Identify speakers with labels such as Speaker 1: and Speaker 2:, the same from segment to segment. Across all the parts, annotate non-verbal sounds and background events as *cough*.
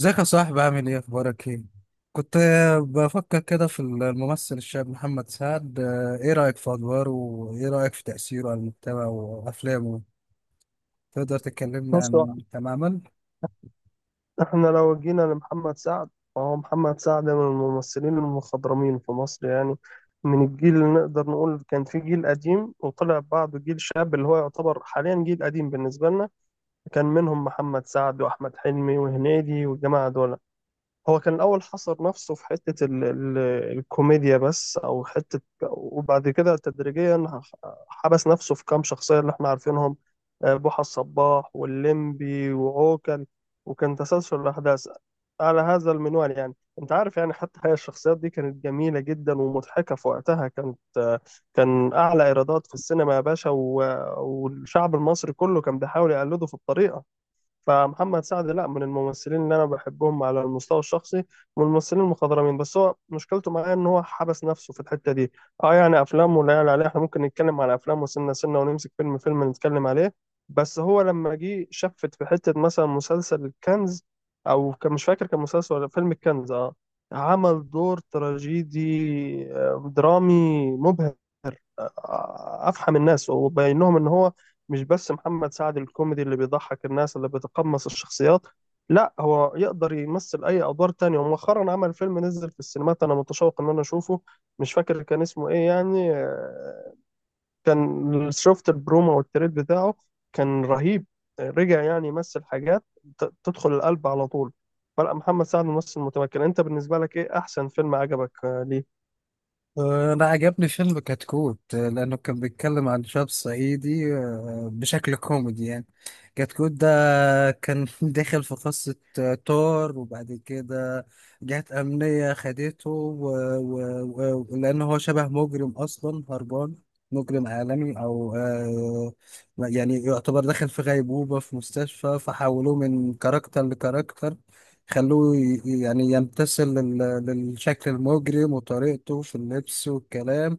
Speaker 1: ازيك يا صاحبي، عامل ايه؟ اخبارك ايه؟ كنت بفكر كده في الممثل الشاب محمد سعد. ايه رأيك في ادواره وايه رأيك في تأثيره على المجتمع وافلامه؟ تقدر تكلمنا
Speaker 2: بص،
Speaker 1: عن تماما؟
Speaker 2: احنا لو جينا لمحمد سعد فهو محمد سعد من الممثلين المخضرمين في مصر يعني. من الجيل اللي نقدر نقول كان في جيل قديم وطلع بعده جيل شاب اللي هو يعتبر حاليا جيل قديم بالنسبة لنا. كان منهم محمد سعد وأحمد حلمي وهنيدي والجماعة دول. هو كان الأول حصر نفسه في حتة ال الكوميديا بس أو حتة، وبعد كده تدريجيا حبس نفسه في كام شخصية اللي احنا عارفينهم: بوحة الصباح واللمبي وعوكل. وكان تسلسل الأحداث على هذا المنوال يعني. أنت عارف يعني، حتى هي الشخصيات دي كانت جميلة جدا ومضحكة في وقتها، كانت كان أعلى إيرادات في السينما يا باشا، والشعب المصري كله كان بيحاول يقلده في الطريقة. فمحمد سعد لا، من الممثلين اللي انا بحبهم على المستوى الشخصي، من الممثلين المخضرمين، بس هو مشكلته معايا ان هو حبس نفسه في الحته دي. اه يعني افلامه لا يعلى عليها، احنا ممكن نتكلم على افلامه سنه سنه ونمسك فيلم فيلم نتكلم عليه. بس هو لما جه شفت في حته مثلا مسلسل الكنز، او كان مش فاكر كان مسلسل ولا فيلم الكنز، اه. عمل دور تراجيدي، درامي مبهر. افحم الناس وبين لهم ان هو مش بس محمد سعد الكوميدي اللي بيضحك الناس اللي بيتقمص الشخصيات، لا هو يقدر يمثل اي ادوار تانية. ومؤخرا عمل فيلم نزل في السينمات، انا متشوق ان انا اشوفه. مش فاكر كان اسمه ايه يعني، كان شفت البرومو والتريد بتاعه كان رهيب. رجع يعني يمثل حاجات تدخل القلب على طول. فلا محمد سعد ممثل متمكن. انت بالنسبة لك ايه احسن فيلم عجبك ليه؟
Speaker 1: انا عجبني فيلم كتكوت، لانه كان بيتكلم عن شاب صعيدي، بشكل كوميدي يعني. كتكوت ده، فكان *laughs* داخل في قصة. طار وبعد كده جهات أمنية خدته، لأن هو شبه مجرم أصلا هربان. مجرم عالمي أو يعني يعتبر داخل في غيبوبة في مستشفى، فحولوه من كاركتر لكاركتر. خلوه يعني يمتثل للشكل المجرم وطريقته في اللبس والكلام.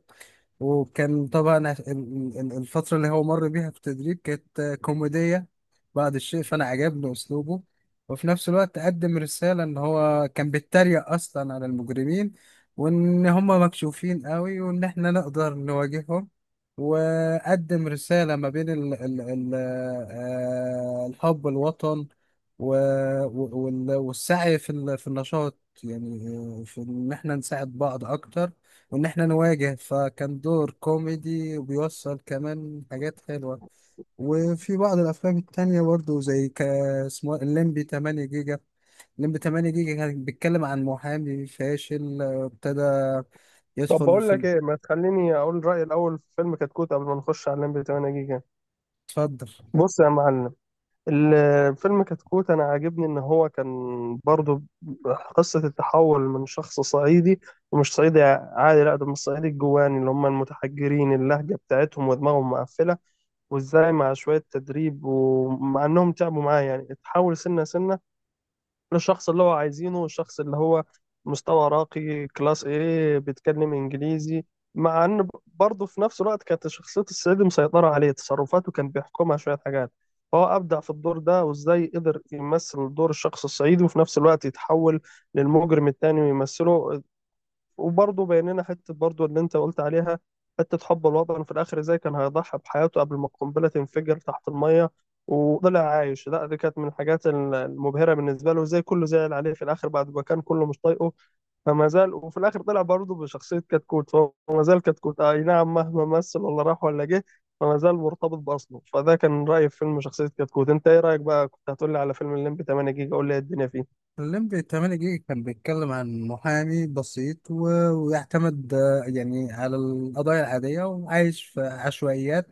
Speaker 1: وكان طبعا الفترة اللي هو مر بيها في التدريب كانت كوميدية بعض الشيء. فأنا عجبني أسلوبه، وفي نفس الوقت قدم رسالة إن هو كان بيتريق أصلا على المجرمين، وإن هم مكشوفين قوي، وإن إحنا نقدر نواجههم. وقدم رسالة ما بين ال ال ال آه، الحب الوطن، و- والسعي في النشاط يعني. في إن إحنا نساعد بعض أكتر، وإن إحنا نواجه. فكان دور كوميدي وبيوصل كمان حاجات حلوة. وفي بعض الأفلام التانية برضو زي اسمه إيه؟ الليمبي 8 جيجا. الليمبي 8 جيجا كان بيتكلم عن محامي فاشل. ابتدى
Speaker 2: طب
Speaker 1: يدخل
Speaker 2: بقول
Speaker 1: في
Speaker 2: لك ايه، ما تخليني اقول رأيي الاول في فيلم كتكوت قبل ما نخش على الليمبي 8 جيجا.
Speaker 1: اتفضل.
Speaker 2: بص يا معلم، الفيلم كتكوت انا عاجبني ان هو كان برضو قصة التحول من شخص صعيدي، ومش صعيدي عادي لا، ده من الصعيدي الجواني اللي هم المتحجرين، اللهجة بتاعتهم ودماغهم مقفلة. وازاي مع شوية تدريب ومع انهم تعبوا معاه يعني، اتحول سنة سنة للشخص اللي هو عايزينه، الشخص اللي هو مستوى راقي كلاس، ايه، بيتكلم انجليزي. مع ان برضه في نفس الوقت كانت شخصية السيد مسيطرة عليه، تصرفاته كان بيحكمها شوية حاجات. فهو أبدع في الدور ده، وازاي قدر يمثل دور الشخص الصعيدي وفي نفس الوقت يتحول للمجرم التاني ويمثله. وبرضه بيننا حتة برضه اللي أنت قلت عليها، حتة حب الوطن في الآخر، إزاي كان هيضحي بحياته قبل ما القنبلة تنفجر تحت المية وطلع عايش. لا دي كانت من الحاجات المبهرة بالنسبة له، إزاي كله زعل عليه في الآخر بعد ما كان كله مش طايقه. فما زال، وفي الاخر طلع برضه بشخصيه كتكوت، فهو ما زال كتكوت، اي نعم مهما مثل ولا راح ولا جه فما زال مرتبط باصله. فده كان رايي في فيلم شخصيه كتكوت. انت ايه رايك بقى؟ كنت هتقول لي على فيلم الليمبي 8 جيجا، قول لي إيه الدنيا فيه.
Speaker 1: الليمبي 8 جيجا كان بيتكلم عن محامي بسيط، ويعتمد يعني على القضايا العادية، وعايش في عشوائيات.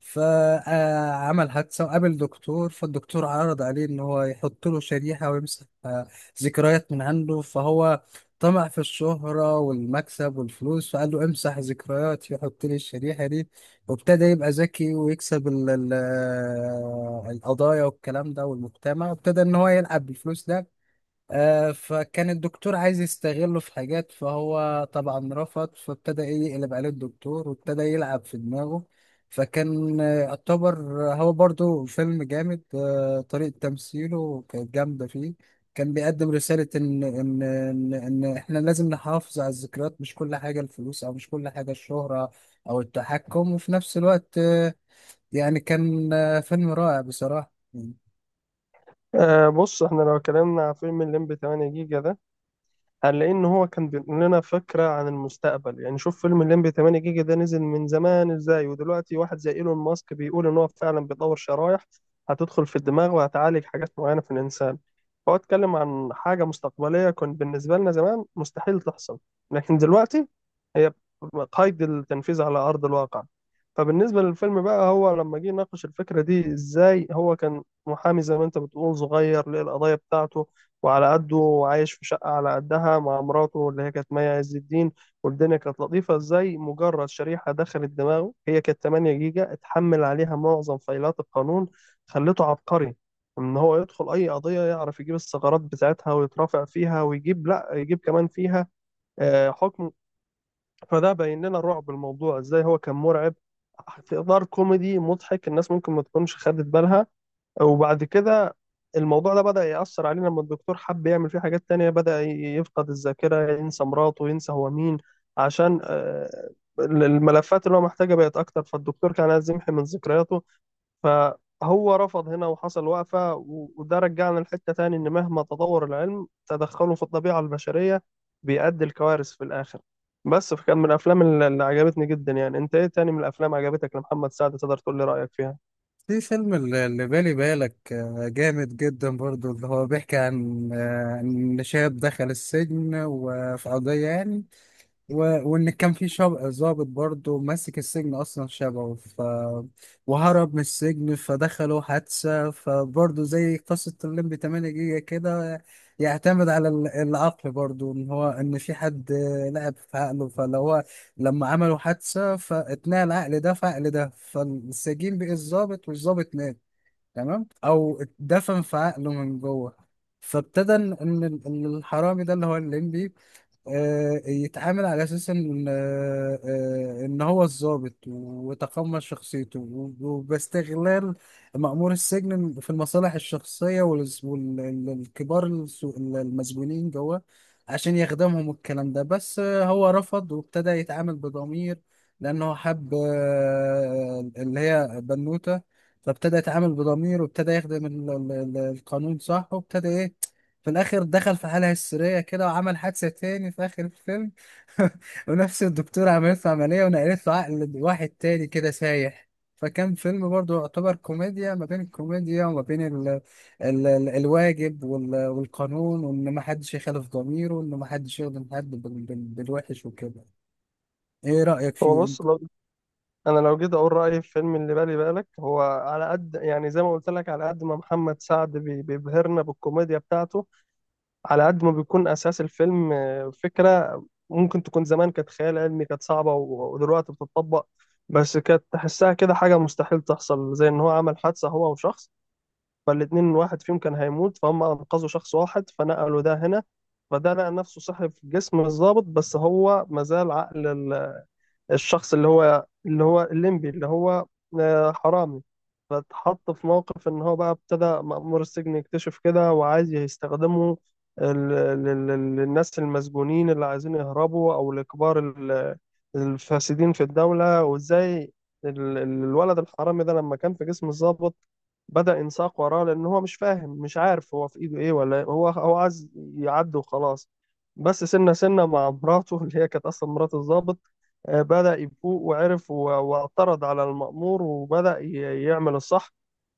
Speaker 1: فعمل حادثة وقابل دكتور، فالدكتور عرض عليه إن هو يحط له شريحة ويمسح ذكريات من عنده. فهو طمع في الشهرة والمكسب والفلوس، فقال له: امسح ذكرياتي وحط لي الشريحة دي. وابتدى يبقى ذكي ويكسب القضايا والكلام ده والمجتمع. وابتدى إن هو يلعب بالفلوس ده. فكان الدكتور عايز يستغله في حاجات، فهو طبعا رفض. فابتدى ايه يقلب عليه الدكتور وابتدى يلعب في دماغه. فكان يعتبر هو برضو فيلم جامد. طريقة تمثيله كانت جامدة فيه. كان بيقدم رسالة إن إحنا لازم نحافظ على الذكريات، مش كل حاجة الفلوس أو مش كل حاجة الشهرة أو التحكم. وفي نفس الوقت يعني كان فيلم رائع بصراحة.
Speaker 2: آه بص، احنا لو اتكلمنا على فيلم الليمبي 8 جيجا ده، قال لان هو كان بينقل لنا فكره عن المستقبل يعني. شوف، فيلم الليمبي 8 جيجا ده نزل من زمان، ازاي ودلوقتي واحد زي ايلون ماسك بيقول ان هو فعلا بيطور شرايح هتدخل في الدماغ وهتعالج حاجات معينه في الانسان. فهو اتكلم عن حاجه مستقبليه كان بالنسبه لنا زمان مستحيل تحصل، لكن دلوقتي هي قيد التنفيذ على ارض الواقع. فبالنسبه للفيلم بقى، هو لما جه يناقش الفكره دي، ازاي هو كان محامي زي ما انت بتقول صغير للقضايا بتاعته وعلى قده، وعايش في شقة على قدها مع مراته اللي هي كانت مي عز الدين. والدنيا كانت لطيفة، ازاي مجرد شريحة دخلت دماغه هي كانت 8 جيجا، اتحمل عليها معظم فايلات القانون، خلته عبقري ان هو يدخل اي قضية يعرف يجيب الثغرات بتاعتها ويترافع فيها ويجيب لا يجيب كمان فيها حكم. فده بين لنا رعب الموضوع، ازاي هو كان مرعب في اطار كوميدي مضحك. الناس ممكن ما تكونش خدت بالها. وبعد كده الموضوع ده بدأ يأثر علينا، لما الدكتور حب يعمل فيه حاجات تانية، بدأ يفقد الذاكرة، ينسى مراته، ينسى هو مين، عشان الملفات اللي هو محتاجها بقت أكتر. فالدكتور كان عايز يمحي من ذكرياته، فهو رفض هنا وحصل وقفة وده رجعنا لحتة تاني، إن مهما تطور العلم تدخله في الطبيعة البشرية بيؤدي لكوارث في الآخر بس. فكان من الأفلام اللي عجبتني جدا يعني. أنت إيه تاني من الأفلام عجبتك لمحمد سعد؟ تقدر تقول لي رأيك فيها؟
Speaker 1: في فيلم اللي بالي بالك، جامد جدا برضو، اللي هو بيحكي عن إن شاب دخل السجن وفي قضية يعني. و... وان كان في شاب ضابط برضه ماسك السجن اصلا شبهه وهرب من السجن، فدخلوا حادثه. فبرضه زي قصه الليمبي 8 جيجا كده، يعتمد على العقل برضه، ان هو ان في حد لعب في عقله. فلو هو لما عملوا حادثه، فاتنقل العقل ده في عقل ده. فالسجين بقي الضابط والضابط مات، تمام، او اتدفن في عقله من جوه. فابتدى إن الحرامي ده اللي هو الليمبي، يتعامل على اساس ان، ان هو الضابط وتقمص شخصيته وباستغلال مأمور السجن في المصالح الشخصيه والكبار المسجونين جوه عشان يخدمهم. الكلام ده بس، هو رفض وابتدى يتعامل بضمير لانه حب، اللي هي بنوته. فابتدى يتعامل بضمير وابتدى يخدم القانون صح. وابتدى ايه في الاخر دخل في حالة هستيرية كده، وعمل حادثة تاني في اخر الفيلم. *laughs* ونفس الدكتورة عملت له عملية ونقلت له عقل واحد تاني كده سايح. فكان فيلم برضه يعتبر كوميديا، ما بين الكوميديا وما بين ال ال ال الواجب والقانون، وان ما حدش يخالف ضميره، وان ما حدش يخدم حد بالوحش وكده. ايه رأيك
Speaker 2: هو
Speaker 1: فيه
Speaker 2: بص،
Speaker 1: انت؟
Speaker 2: انا لو جيت اقول رايي في فيلم اللي بالي بالك، هو على قد يعني زي ما قلت لك، على قد ما محمد سعد بيبهرنا بالكوميديا بتاعته، على قد ما بيكون اساس الفيلم فكره ممكن تكون زمان كانت خيال علمي، كانت صعبه ودلوقتي بتطبق. بس كانت تحسها كده حاجه مستحيل تحصل، زي ان هو عمل حادثه هو وشخص، فالاتنين واحد فيهم كان هيموت، فهم انقذوا شخص واحد فنقلوا ده هنا، فده لقى نفسه صحي في جسم الضابط بس هو مازال عقل الشخص اللي هو الليمبي اللي هو حرامي. فاتحط في موقف ان هو بقى ابتدى مأمور السجن يكتشف كده وعايز يستخدمه ال- للناس المسجونين اللي عايزين يهربوا او لكبار الفاسدين في الدولة. وازاي الولد الحرامي ده لما كان في جسم الضابط بدأ ينساق وراه، لأن هو مش فاهم مش عارف هو في إيده إيه، ولا هو عايز يعدي وخلاص. بس سنة سنة مع مراته اللي هي كانت أصلا مرات الضابط، بدأ يفوق وعرف واعترض على المأمور، وبدأ يعمل الصح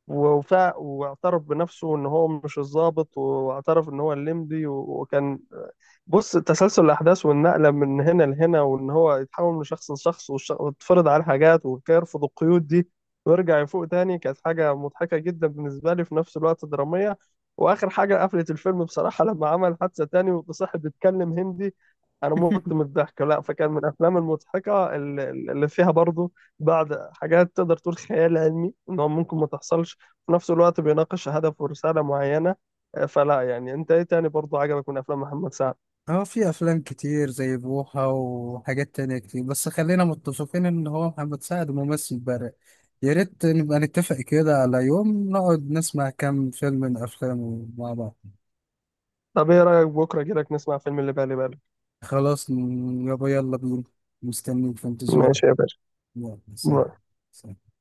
Speaker 2: وفاق واعترف بنفسه إن هو مش الضابط، واعترف إن هو الليمبي وكان. بص تسلسل الأحداث والنقلة من هنا لهنا، وإن هو يتحول من شخص لشخص ويتفرض عليه حاجات ويرفض القيود دي ويرجع يفوق تاني، كانت حاجة مضحكة جدا بالنسبة لي في نفس الوقت درامية. وآخر حاجة قفلت الفيلم بصراحة، لما عمل حادثة تاني وصاحب بيتكلم هندي، أنا مت من الضحك. لا فكان من الأفلام المضحكة اللي فيها برضو بعض حاجات تقدر تقول خيال علمي إن هو ممكن ما تحصلش، وفي نفس الوقت بيناقش هدف ورسالة معينة. فلا يعني، أنت إيه تاني برضو عجبك من أفلام محمد سعد؟
Speaker 1: اه، في افلام كتير زي بوحة وحاجات تانية كتير، بس خلينا متفقين ان هو محمد سعد ممثل بارع. يا ريت نبقى نتفق كده على يوم نقعد نسمع كام فيلم من افلامه مع بعض.
Speaker 2: طب ايه رأيك بكرة كده نسمع فيلم اللي بالي بالك؟
Speaker 1: خلاص، يابا يلا بينا. مستنيك في انتظارك.
Speaker 2: ماشي يا باشا
Speaker 1: يلا سلام. سلام.